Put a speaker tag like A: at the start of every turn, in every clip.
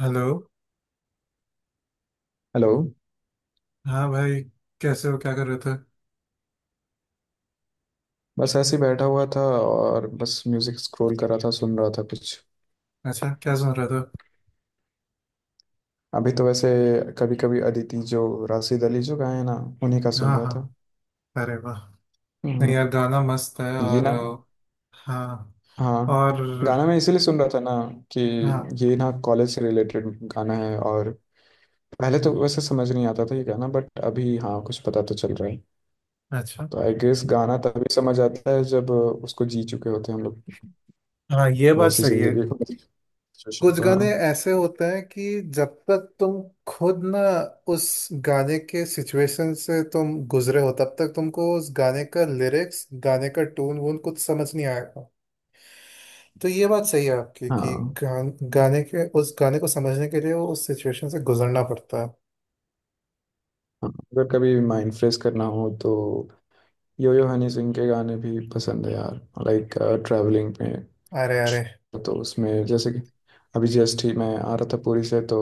A: Hello.
B: Hello.
A: हाँ भाई। कैसे हो, क्या कर रहे थे?
B: बस ऐसे ही बैठा हुआ था और बस म्यूजिक स्क्रॉल कर रहा था, सुन रहा था कुछ।
A: अच्छा, क्या सुन रहे थे?
B: अभी तो वैसे कभी कभी अदिति जो राशिद अली जो गाए हैं ना, उन्हीं का सुन
A: हाँ
B: रहा
A: हाँ।
B: था।
A: अरे वाह। नहीं
B: हम्म।
A: यार, गाना मस्त है
B: ये
A: और
B: ना।
A: हाँ।
B: हाँ।
A: और
B: गाना मैं इसीलिए सुन रहा था ना कि
A: हाँ।
B: ये ना कॉलेज से रिलेटेड गाना है। और पहले तो वैसे समझ नहीं आता था ये गाना, बट अभी हाँ कुछ पता तो चल रहा है।
A: अच्छा।
B: तो आई गेस गाना तभी समझ आता है जब उसको जी चुके होते हैं हम लोग,
A: हाँ, ये बात
B: वैसी
A: सही है।
B: जिंदगी को। सिचुएशन
A: कुछ
B: तो
A: गाने
B: हाँ।
A: ऐसे होते हैं कि जब तक तुम खुद ना उस गाने के सिचुएशन से तुम गुजरे हो तब तक तुमको उस गाने का लिरिक्स, गाने का टून वून कुछ समझ नहीं आएगा। तो ये बात सही है आपकी कि
B: हाँ
A: गाने के, उस गाने को समझने के लिए वो उस सिचुएशन से गुजरना पड़ता है।
B: हाँ, अगर कभी माइंड फ्रेश करना हो तो यो यो हनी सिंह के गाने भी पसंद है यार। लाइक, ट्रैवलिंग में।
A: अरे अरे।
B: तो उसमें जैसे कि अभी जस्ट ही मैं आ रहा था पुरी से, तो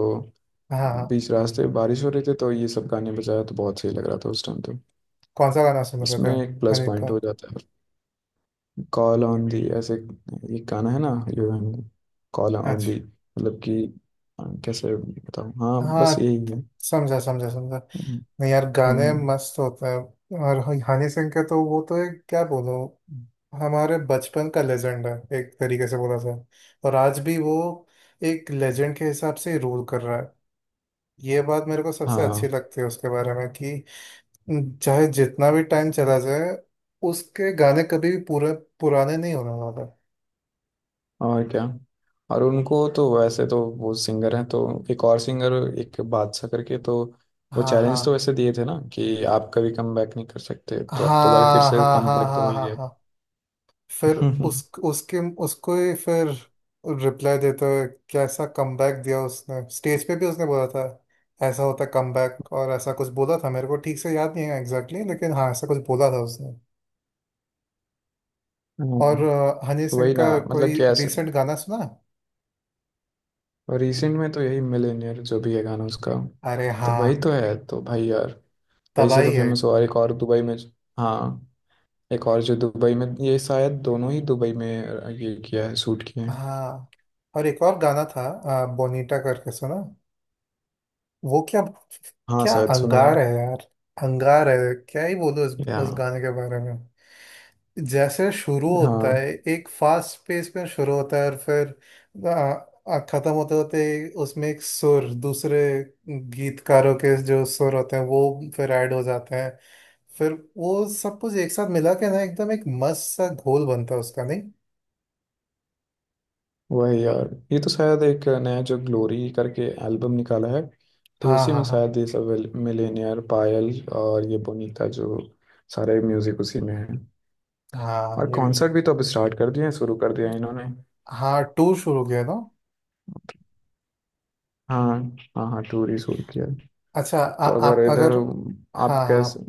A: हाँ हाँ।
B: बीच रास्ते बारिश हो रही थी, तो ये सब गाने बजाया तो बहुत सही लग रहा था उस टाइम तो।
A: कौन सा गाना सुन रहे
B: उसमें
A: थे?
B: एक प्लस
A: मैंने कहा।
B: पॉइंट हो जाता है। कॉल ऑन दी ऐसे एक गाना है ना, yo honey. Call on the
A: अच्छा।
B: मतलब कि कैसे बताऊँ। हाँ बस
A: हाँ।
B: यही है।
A: समझा समझा समझा।
B: हम्म।
A: नहीं यार, गाने
B: हम्म।
A: मस्त होते हैं और हनी सिंह के तो वो तो एक क्या बोलूं, हमारे बचपन का लेजेंड है एक तरीके से बोला जाए। और आज भी वो एक लेजेंड के हिसाब से रूल कर रहा है। ये बात मेरे को सबसे अच्छी
B: हाँ।
A: लगती है उसके बारे में कि चाहे जितना भी टाइम चला जाए, उसके गाने कभी भी पूरे पुराने नहीं होने वाले।
B: और क्या। और उनको तो वैसे तो वो सिंगर हैं तो एक और सिंगर, एक बादशाह करके, तो वो
A: हाँ हाँ
B: चैलेंज तो वैसे दिए थे ना कि आप कभी कम बैक नहीं कर सकते, तो अब तो भाई फिर
A: हाँ
B: से
A: हाँ
B: कम
A: हाँ
B: बैक तो हो
A: हाँ
B: ही
A: हाँ
B: गया।
A: हाँ। फिर उस उसके उसको ही फिर रिप्लाई देते हुए कैसा कमबैक दिया उसने, स्टेज पे भी उसने बोला था ऐसा होता कमबैक। और ऐसा कुछ बोला था, मेरे को ठीक से याद नहीं है एग्जैक्टली लेकिन हाँ ऐसा कुछ बोला था उसने। और
B: हम्म,
A: हनी
B: तो
A: सिंह
B: वही ना,
A: का
B: मतलब
A: कोई
B: कि ऐसे
A: रिसेंट गाना सुना?
B: रिसेंट में तो यही मिलेनियर जो भी है गाना उसका,
A: अरे
B: तो
A: हाँ।
B: वही तो है तो भाई यार। वही से
A: तबाही
B: तो
A: है।
B: फेमस हुआ। और एक और दुबई में। हाँ। एक और जो दुबई में, ये शायद दोनों ही दुबई में ये किया है, शूट किए हैं।
A: हाँ। और एक और गाना था बोनीटा करके, सुना वो? क्या?
B: हाँ
A: क्या
B: शायद सुना है।
A: अंगार है यार। अंगार है, क्या ही बोलूं
B: या
A: उस गाने के बारे में। जैसे शुरू होता है,
B: हाँ।
A: एक फास्ट पेस में शुरू होता है और फिर आ, आ, खत्म होते होते उसमें एक सुर, दूसरे गीतकारों के जो सुर होते हैं वो फिर ऐड हो जाते हैं। फिर वो सब कुछ एक साथ मिला के ना एकदम एक मस्त सा घोल बनता है उसका, नहीं?
B: वही यार, ये तो शायद एक नया जो ग्लोरी करके एल्बम निकाला है, तो
A: हाँ
B: उसी में
A: हाँ हाँ
B: शायद ये सब मिलेनियर, पायल और ये बोनीता जो सारे म्यूजिक उसी में है।
A: हाँ,
B: और
A: ये भी है।
B: कॉन्सर्ट भी तो अब स्टार्ट कर दिए हैं, शुरू कर दिया है इन्होंने।
A: हाँ, टूर शुरू किया था।
B: हाँ हाँ। हाँ, टूर ही शुरू किया है।
A: अच्छा,
B: तो अगर
A: आप
B: इधर
A: अगर,
B: आप
A: हाँ
B: कैसे।
A: हाँ।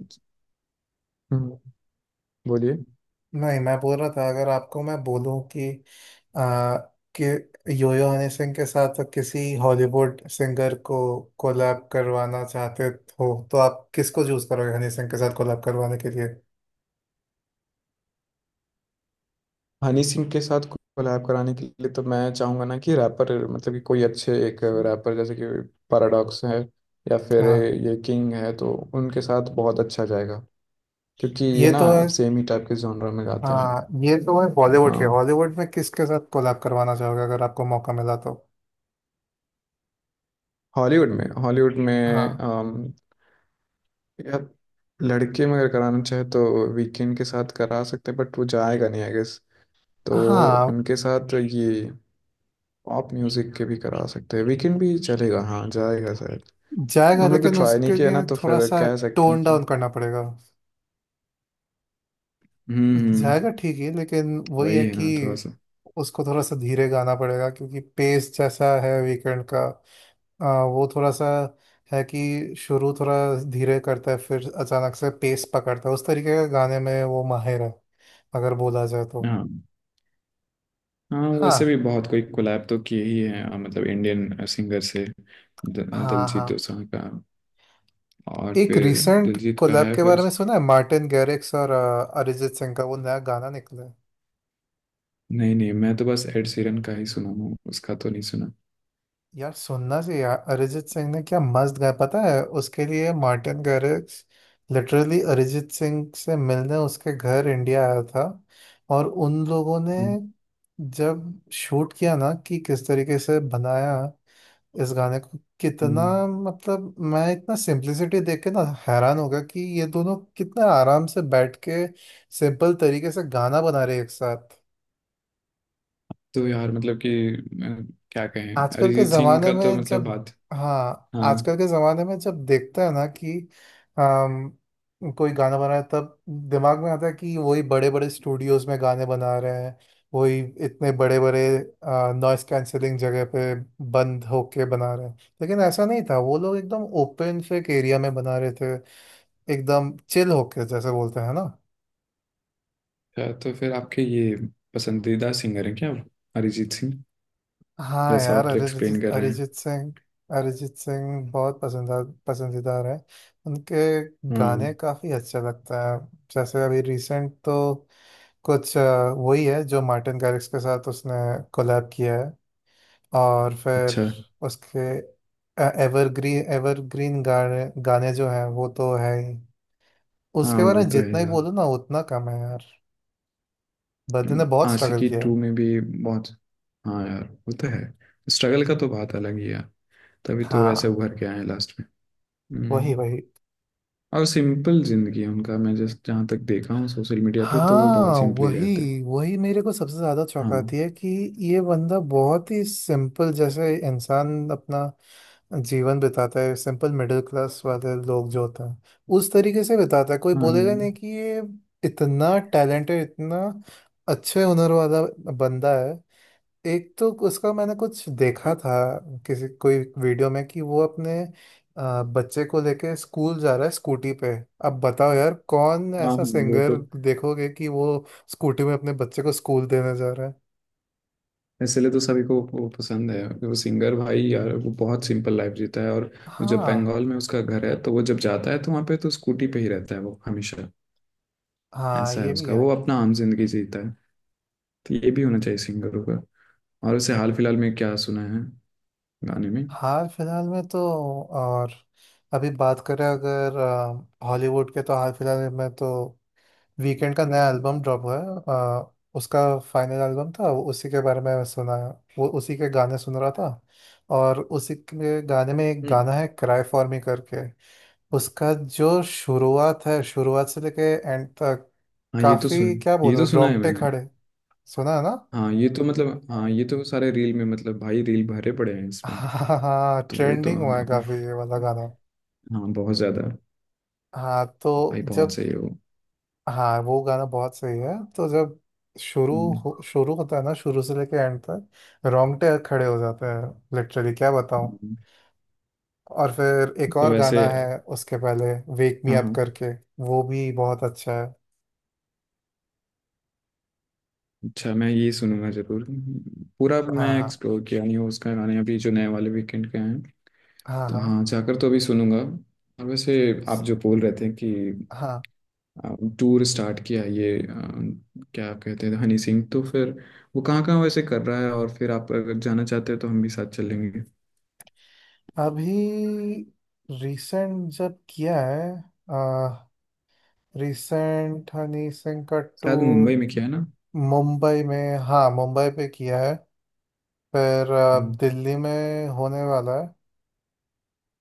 B: हम्म। बोलिए।
A: नहीं, मैं बोल रहा था अगर आपको मैं बोलूं कि आ, कि योयो हनी सिंह के साथ किसी हॉलीवुड सिंगर को कोलैब करवाना चाहते हो तो आप किसको चूज करोगे हनी सिंह के साथ कोलैब करवाने के लिए?
B: हनी सिंह के साथ कोलैब कराने के लिए तो मैं चाहूंगा ना कि रैपर, मतलब कि कोई अच्छे एक रैपर, जैसे कि पैराडॉक्स है, या फिर
A: हाँ
B: ये किंग है, तो उनके साथ बहुत अच्छा जाएगा क्योंकि ये
A: ये
B: ना
A: तो है।
B: सेम ही टाइप के जॉनर में गाते हैं।
A: हाँ ये तो है। बॉलीवुड के
B: हाँ।
A: हॉलीवुड में किसके साथ कोलैब करवाना चाहोगे अगर आपको मौका मिला तो?
B: हॉलीवुड में, हॉलीवुड में
A: हाँ
B: या लड़के में अगर कराना चाहे तो वीकेंड के साथ करा सकते हैं, बट वो जाएगा नहीं आई गेस। तो
A: हाँ,
B: उनके साथ ये पॉप म्यूजिक के भी करा सकते हैं, वीकेंड भी चलेगा, हाँ जाएगा शायद।
A: जाएगा
B: हम लोग तो
A: लेकिन
B: ट्राई नहीं
A: उसके
B: किया ना,
A: लिए
B: तो
A: थोड़ा
B: फिर
A: सा
B: कह सकते हैं
A: टोन
B: कि।
A: डाउन करना पड़ेगा।
B: हम्म।
A: जाएगा ठीक ही लेकिन वही है
B: वही है
A: कि
B: ना थोड़ा सा।
A: उसको थोड़ा सा धीरे गाना पड़ेगा क्योंकि पेस जैसा है वीकेंड का, वो थोड़ा सा है कि शुरू थोड़ा धीरे करता है फिर अचानक से पेस पकड़ता है। उस तरीके का गाने में वो माहिर है अगर बोला जाए तो।
B: हाँ हाँ, वैसे
A: हाँ
B: भी बहुत कोई कोलैब तो किए ही है, मतलब इंडियन सिंगर से
A: हाँ
B: दिलजीत
A: हाँ।
B: दोसांझ का, और
A: एक
B: फिर
A: रिसेंट
B: दिलजीत का
A: कोलैब
B: है
A: के
B: फिर।
A: बारे में सुना है, मार्टिन गैरिक्स और अरिजीत सिंह का वो नया गाना निकला है।
B: नहीं नहीं, मैं तो बस एड सीरन का ही सुना हूँ, उसका तो नहीं सुना।
A: यार सुनना चाहिए यार, अरिजीत सिंह ने क्या मस्त गाया पता है। उसके लिए Martin Garrix literally Arijit Singh से मिलने उसके घर इंडिया आया था। और उन लोगों ने
B: हम्म।
A: जब शूट किया ना, कि किस तरीके से बनाया इस गाने को, कितना
B: हम्म।
A: मतलब मैं इतना सिंप्लिसिटी देख के ना हैरान हो गया कि ये दोनों कितना आराम से बैठ के सिंपल तरीके से गाना बना रहे हैं एक साथ।
B: तो यार मतलब कि क्या कहें,
A: आजकल के
B: अरिजीत सिंह
A: जमाने
B: का तो
A: में
B: मतलब
A: जब,
B: बात।
A: हाँ
B: हाँ।
A: आजकल के जमाने में जब देखता है ना कि कोई गाना बना है तब दिमाग में आता है कि वही बड़े बड़े स्टूडियोज में गाने बना रहे हैं। वही इतने बड़े बड़े नॉइस कैंसलिंग जगह पे बंद होके बना रहे हैं। लेकिन ऐसा नहीं था, वो लोग एकदम ओपन फेक एरिया में बना रहे थे एकदम चिल होके जैसे बोलते हैं ना।
B: अच्छा, तो फिर आपके ये पसंदीदा सिंगर हैं क्या, अरिजीत सिंह,
A: हाँ
B: जैसा
A: यार,
B: आप तो एक्सप्लेन
A: अरिजीत
B: कर रहे हैं।
A: अरिजीत सिंह, अरिजीत सिंह बहुत पसंदा पसंदीदार है, उनके गाने
B: हाँ।
A: काफ़ी अच्छे लगता है। जैसे अभी रिसेंट तो कुछ वही है जो मार्टिन गारिक्स के साथ उसने कोलैब किया है। और फिर
B: अच्छा।
A: उसके एवरग्रीन एवरग्रीन गाने गाने जो हैं वो तो है ही। उसके
B: हाँ
A: बारे
B: वो
A: में
B: तो
A: जितना
B: है
A: ही
B: यार।
A: बोलो ना उतना कम है यार। बंदे ने बहुत स्ट्रगल
B: आशिकी
A: किया है।
B: टू में भी बहुत। हाँ यार वो तो है, स्ट्रगल का तो बात अलग ही है यार, तभी तो वैसे
A: हाँ
B: उभर के आए हैं लास्ट में।
A: वही
B: हम्म।
A: वही।
B: और सिंपल जिंदगी है उनका, मैं जस्ट जहाँ तक देखा हूँ सोशल मीडिया पे, तो वो बहुत
A: हाँ
B: सिंपली
A: वही
B: रहते हैं।
A: वही, मेरे को सबसे ज्यादा
B: हाँ।
A: चौंकाती है कि ये बंदा बहुत ही सिंपल जैसे इंसान अपना जीवन बिताता है। सिंपल मिडिल क्लास वाले लोग जो होते हैं उस तरीके से बिताता है। कोई बोलेगा
B: हाँ।
A: नहीं कि ये इतना टैलेंटेड, इतना अच्छे हुनर वाला बंदा है। एक तो उसका मैंने कुछ देखा था किसी कोई वीडियो में कि वो अपने बच्चे को लेके स्कूल जा रहा है स्कूटी पे। अब बताओ यार, कौन
B: हाँ
A: ऐसा
B: वो तो,
A: सिंगर देखोगे कि वो स्कूटी में अपने बच्चे को स्कूल देने जा रहा है।
B: इसलिए तो सभी को वो पसंद है, वो सिंगर भाई यार, वो बहुत सिंपल लाइफ जीता है। और वो, जब
A: हाँ
B: बंगाल में उसका घर है तो वो जब जाता है तो वहाँ पे तो स्कूटी पे ही रहता है वो, हमेशा।
A: हाँ,
B: ऐसा है
A: ये भी
B: उसका,
A: है।
B: वो अपना आम जिंदगी जीता है। तो ये भी होना चाहिए सिंगरों का। और उसे हाल फिलहाल में क्या सुना है गाने में।
A: हाल फिलहाल में तो और अभी बात करें अगर हॉलीवुड के तो, हाल फिलहाल में तो वीकेंड का नया एल्बम ड्रॉप हुआ है। उसका फाइनल एल्बम था वो, उसी के बारे में सुना। वो उसी के गाने सुन रहा था और उसी के गाने में एक
B: हम्म।
A: गाना है क्राई फॉर मी करके। उसका जो शुरुआत है, शुरुआत से लेके एंड तक,
B: हाँ ये तो
A: काफी
B: सुन,
A: क्या
B: ये तो
A: बोलूं
B: सुना है
A: रोंगटे
B: मैंने।
A: खड़े। सुना है ना?
B: हाँ ये तो, मतलब हाँ, ये तो सारे रील में, मतलब भाई रील भरे पड़े हैं इसमें।
A: हाँ हाँ,
B: तो वो तो
A: ट्रेंडिंग हुआ है
B: हाँ।
A: काफी ये वाला गाना।
B: हाँ बहुत ज्यादा।
A: हाँ तो
B: भाई बहुत
A: जब,
B: सही है वो।
A: हाँ वो गाना बहुत सही है। तो जब शुरू
B: हम्म।
A: शुरू होता है ना, शुरू से लेके एंड तक रोंगटे खड़े हो जाते हैं लिटरली क्या बताऊँ।
B: हम्म।
A: और फिर एक
B: तो
A: और
B: वैसे।
A: गाना है उसके पहले, वेक मी
B: हाँ
A: अप
B: हाँ,
A: करके। वो भी बहुत अच्छा है।
B: अच्छा मैं ये सुनूंगा जरूर। पूरा मैं
A: हाँ
B: एक्सप्लोर किया नहीं हूँ उसका, गाने अभी जो नए वाले वीकेंड के हैं,
A: हाँ हाँ
B: तो
A: हाँ
B: हाँ जाकर तो अभी सुनूंगा। और वैसे आप जो बोल रहे थे कि
A: हाँ।
B: आ, टूर स्टार्ट किया ये, क्या कहते हैं हनी सिंह, तो फिर वो कहाँ कहाँ वैसे कर रहा है, और फिर आप अगर जाना चाहते हो तो हम भी साथ चलेंगे।
A: अभी रिसेंट जब किया है रिसेंट हनी सिंह का
B: शायद मुंबई
A: टूर,
B: में किया है ना।
A: मुंबई में। हाँ, मुंबई पे किया है। फिर
B: हाँ।
A: दिल्ली में होने वाला है,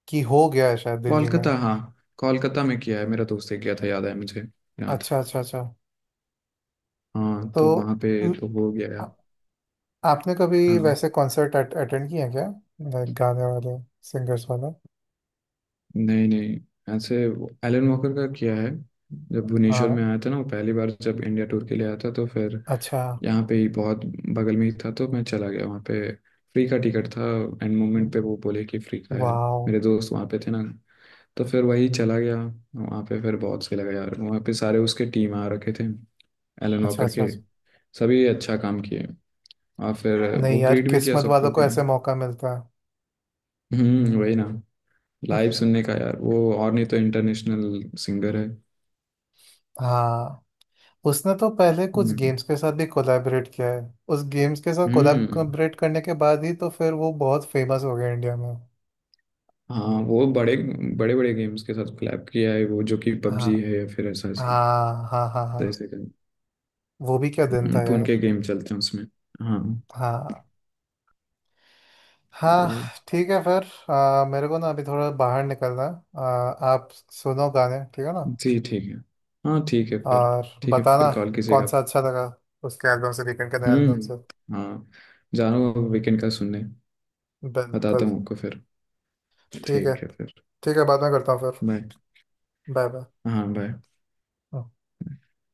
A: कि हो गया है शायद दिल्ली में।
B: कोलकाता। हाँ कोलकाता में किया है, मेरा दोस्त ने किया था, याद है मुझे, याद।
A: अच्छा अच्छा अच्छा।
B: हाँ
A: तो
B: तो वहाँ पे
A: म,
B: तो हो गया है।
A: आ- आपने कभी
B: हाँ।
A: वैसे कॉन्सर्ट अटेंड किए हैं क्या? लाइक गाने वाले, सिंगर्स वाले।
B: नहीं नहीं, ऐसे एलन वॉकर का किया है, जब भुवनेश्वर
A: हाँ।
B: में आया था ना, वो पहली बार जब इंडिया टूर के लिए आया था, तो फिर
A: अच्छा।
B: यहाँ पे ही, बहुत बगल में ही था, तो मैं चला गया वहाँ पे। फ्री का टिकट था, एंड मोमेंट पे वो बोले कि फ्री का है।
A: वाओ।
B: मेरे दोस्त वहाँ पे थे ना, तो फिर वही चला गया वहाँ पे, फिर बहुत सही लगा यार। वहाँ पे सारे उसके टीम आ रखे थे, एलन
A: अच्छा
B: वॉकर
A: अच्छा
B: के।
A: अच्छा।
B: सभी अच्छा काम किए। और फिर
A: नहीं
B: वो
A: यार,
B: ग्रीट भी किया
A: किस्मत वालों
B: सबको
A: को
B: कि।
A: ऐसे मौका मिलता है।
B: हम्म। वही ना, लाइव सुनने का यार वो, और नहीं तो इंटरनेशनल सिंगर है।
A: हाँ। उसने तो पहले कुछ
B: हम्म।
A: गेम्स के साथ भी कोलैबोरेट किया है। उस गेम्स के साथ
B: हम्म।
A: कोलैबोरेट करने के बाद ही तो फिर वो बहुत फेमस हो गया इंडिया में।
B: हाँ वो बड़े बड़े बड़े गेम्स के साथ कोलैब किया है वो, जो कि
A: हाँ
B: पबजी है या फिर ऐसा ऐसा,
A: हाँ हाँ हाँ हाँ।
B: जैसे कि।
A: वो भी क्या दिन था
B: तो उनके
A: यार।
B: गेम चलते हैं उसमें। हाँ।
A: हाँ हाँ।
B: तो
A: ठीक है फिर, मेरे को ना अभी थोड़ा बाहर निकलना है। आप सुनो गाने, ठीक है ना?
B: जी ठीक है। हाँ ठीक है फिर।
A: और
B: ठीक है फिर,
A: बताना
B: कॉल
A: कौन
B: कीजिएगा।
A: सा अच्छा लगा, उसके एल्बम से, वीकेंड के एल्बम से।
B: हम्म। हाँ, जा रहा हूँ वीकेंड का सुनने। बताता
A: बिल्कुल।
B: हूँ आपको फिर।
A: ठीक है।
B: ठीक है फिर।
A: ठीक है बाद में करता हूँ फिर।
B: बाय।
A: बाय।
B: हाँ बाय।
A: बाय।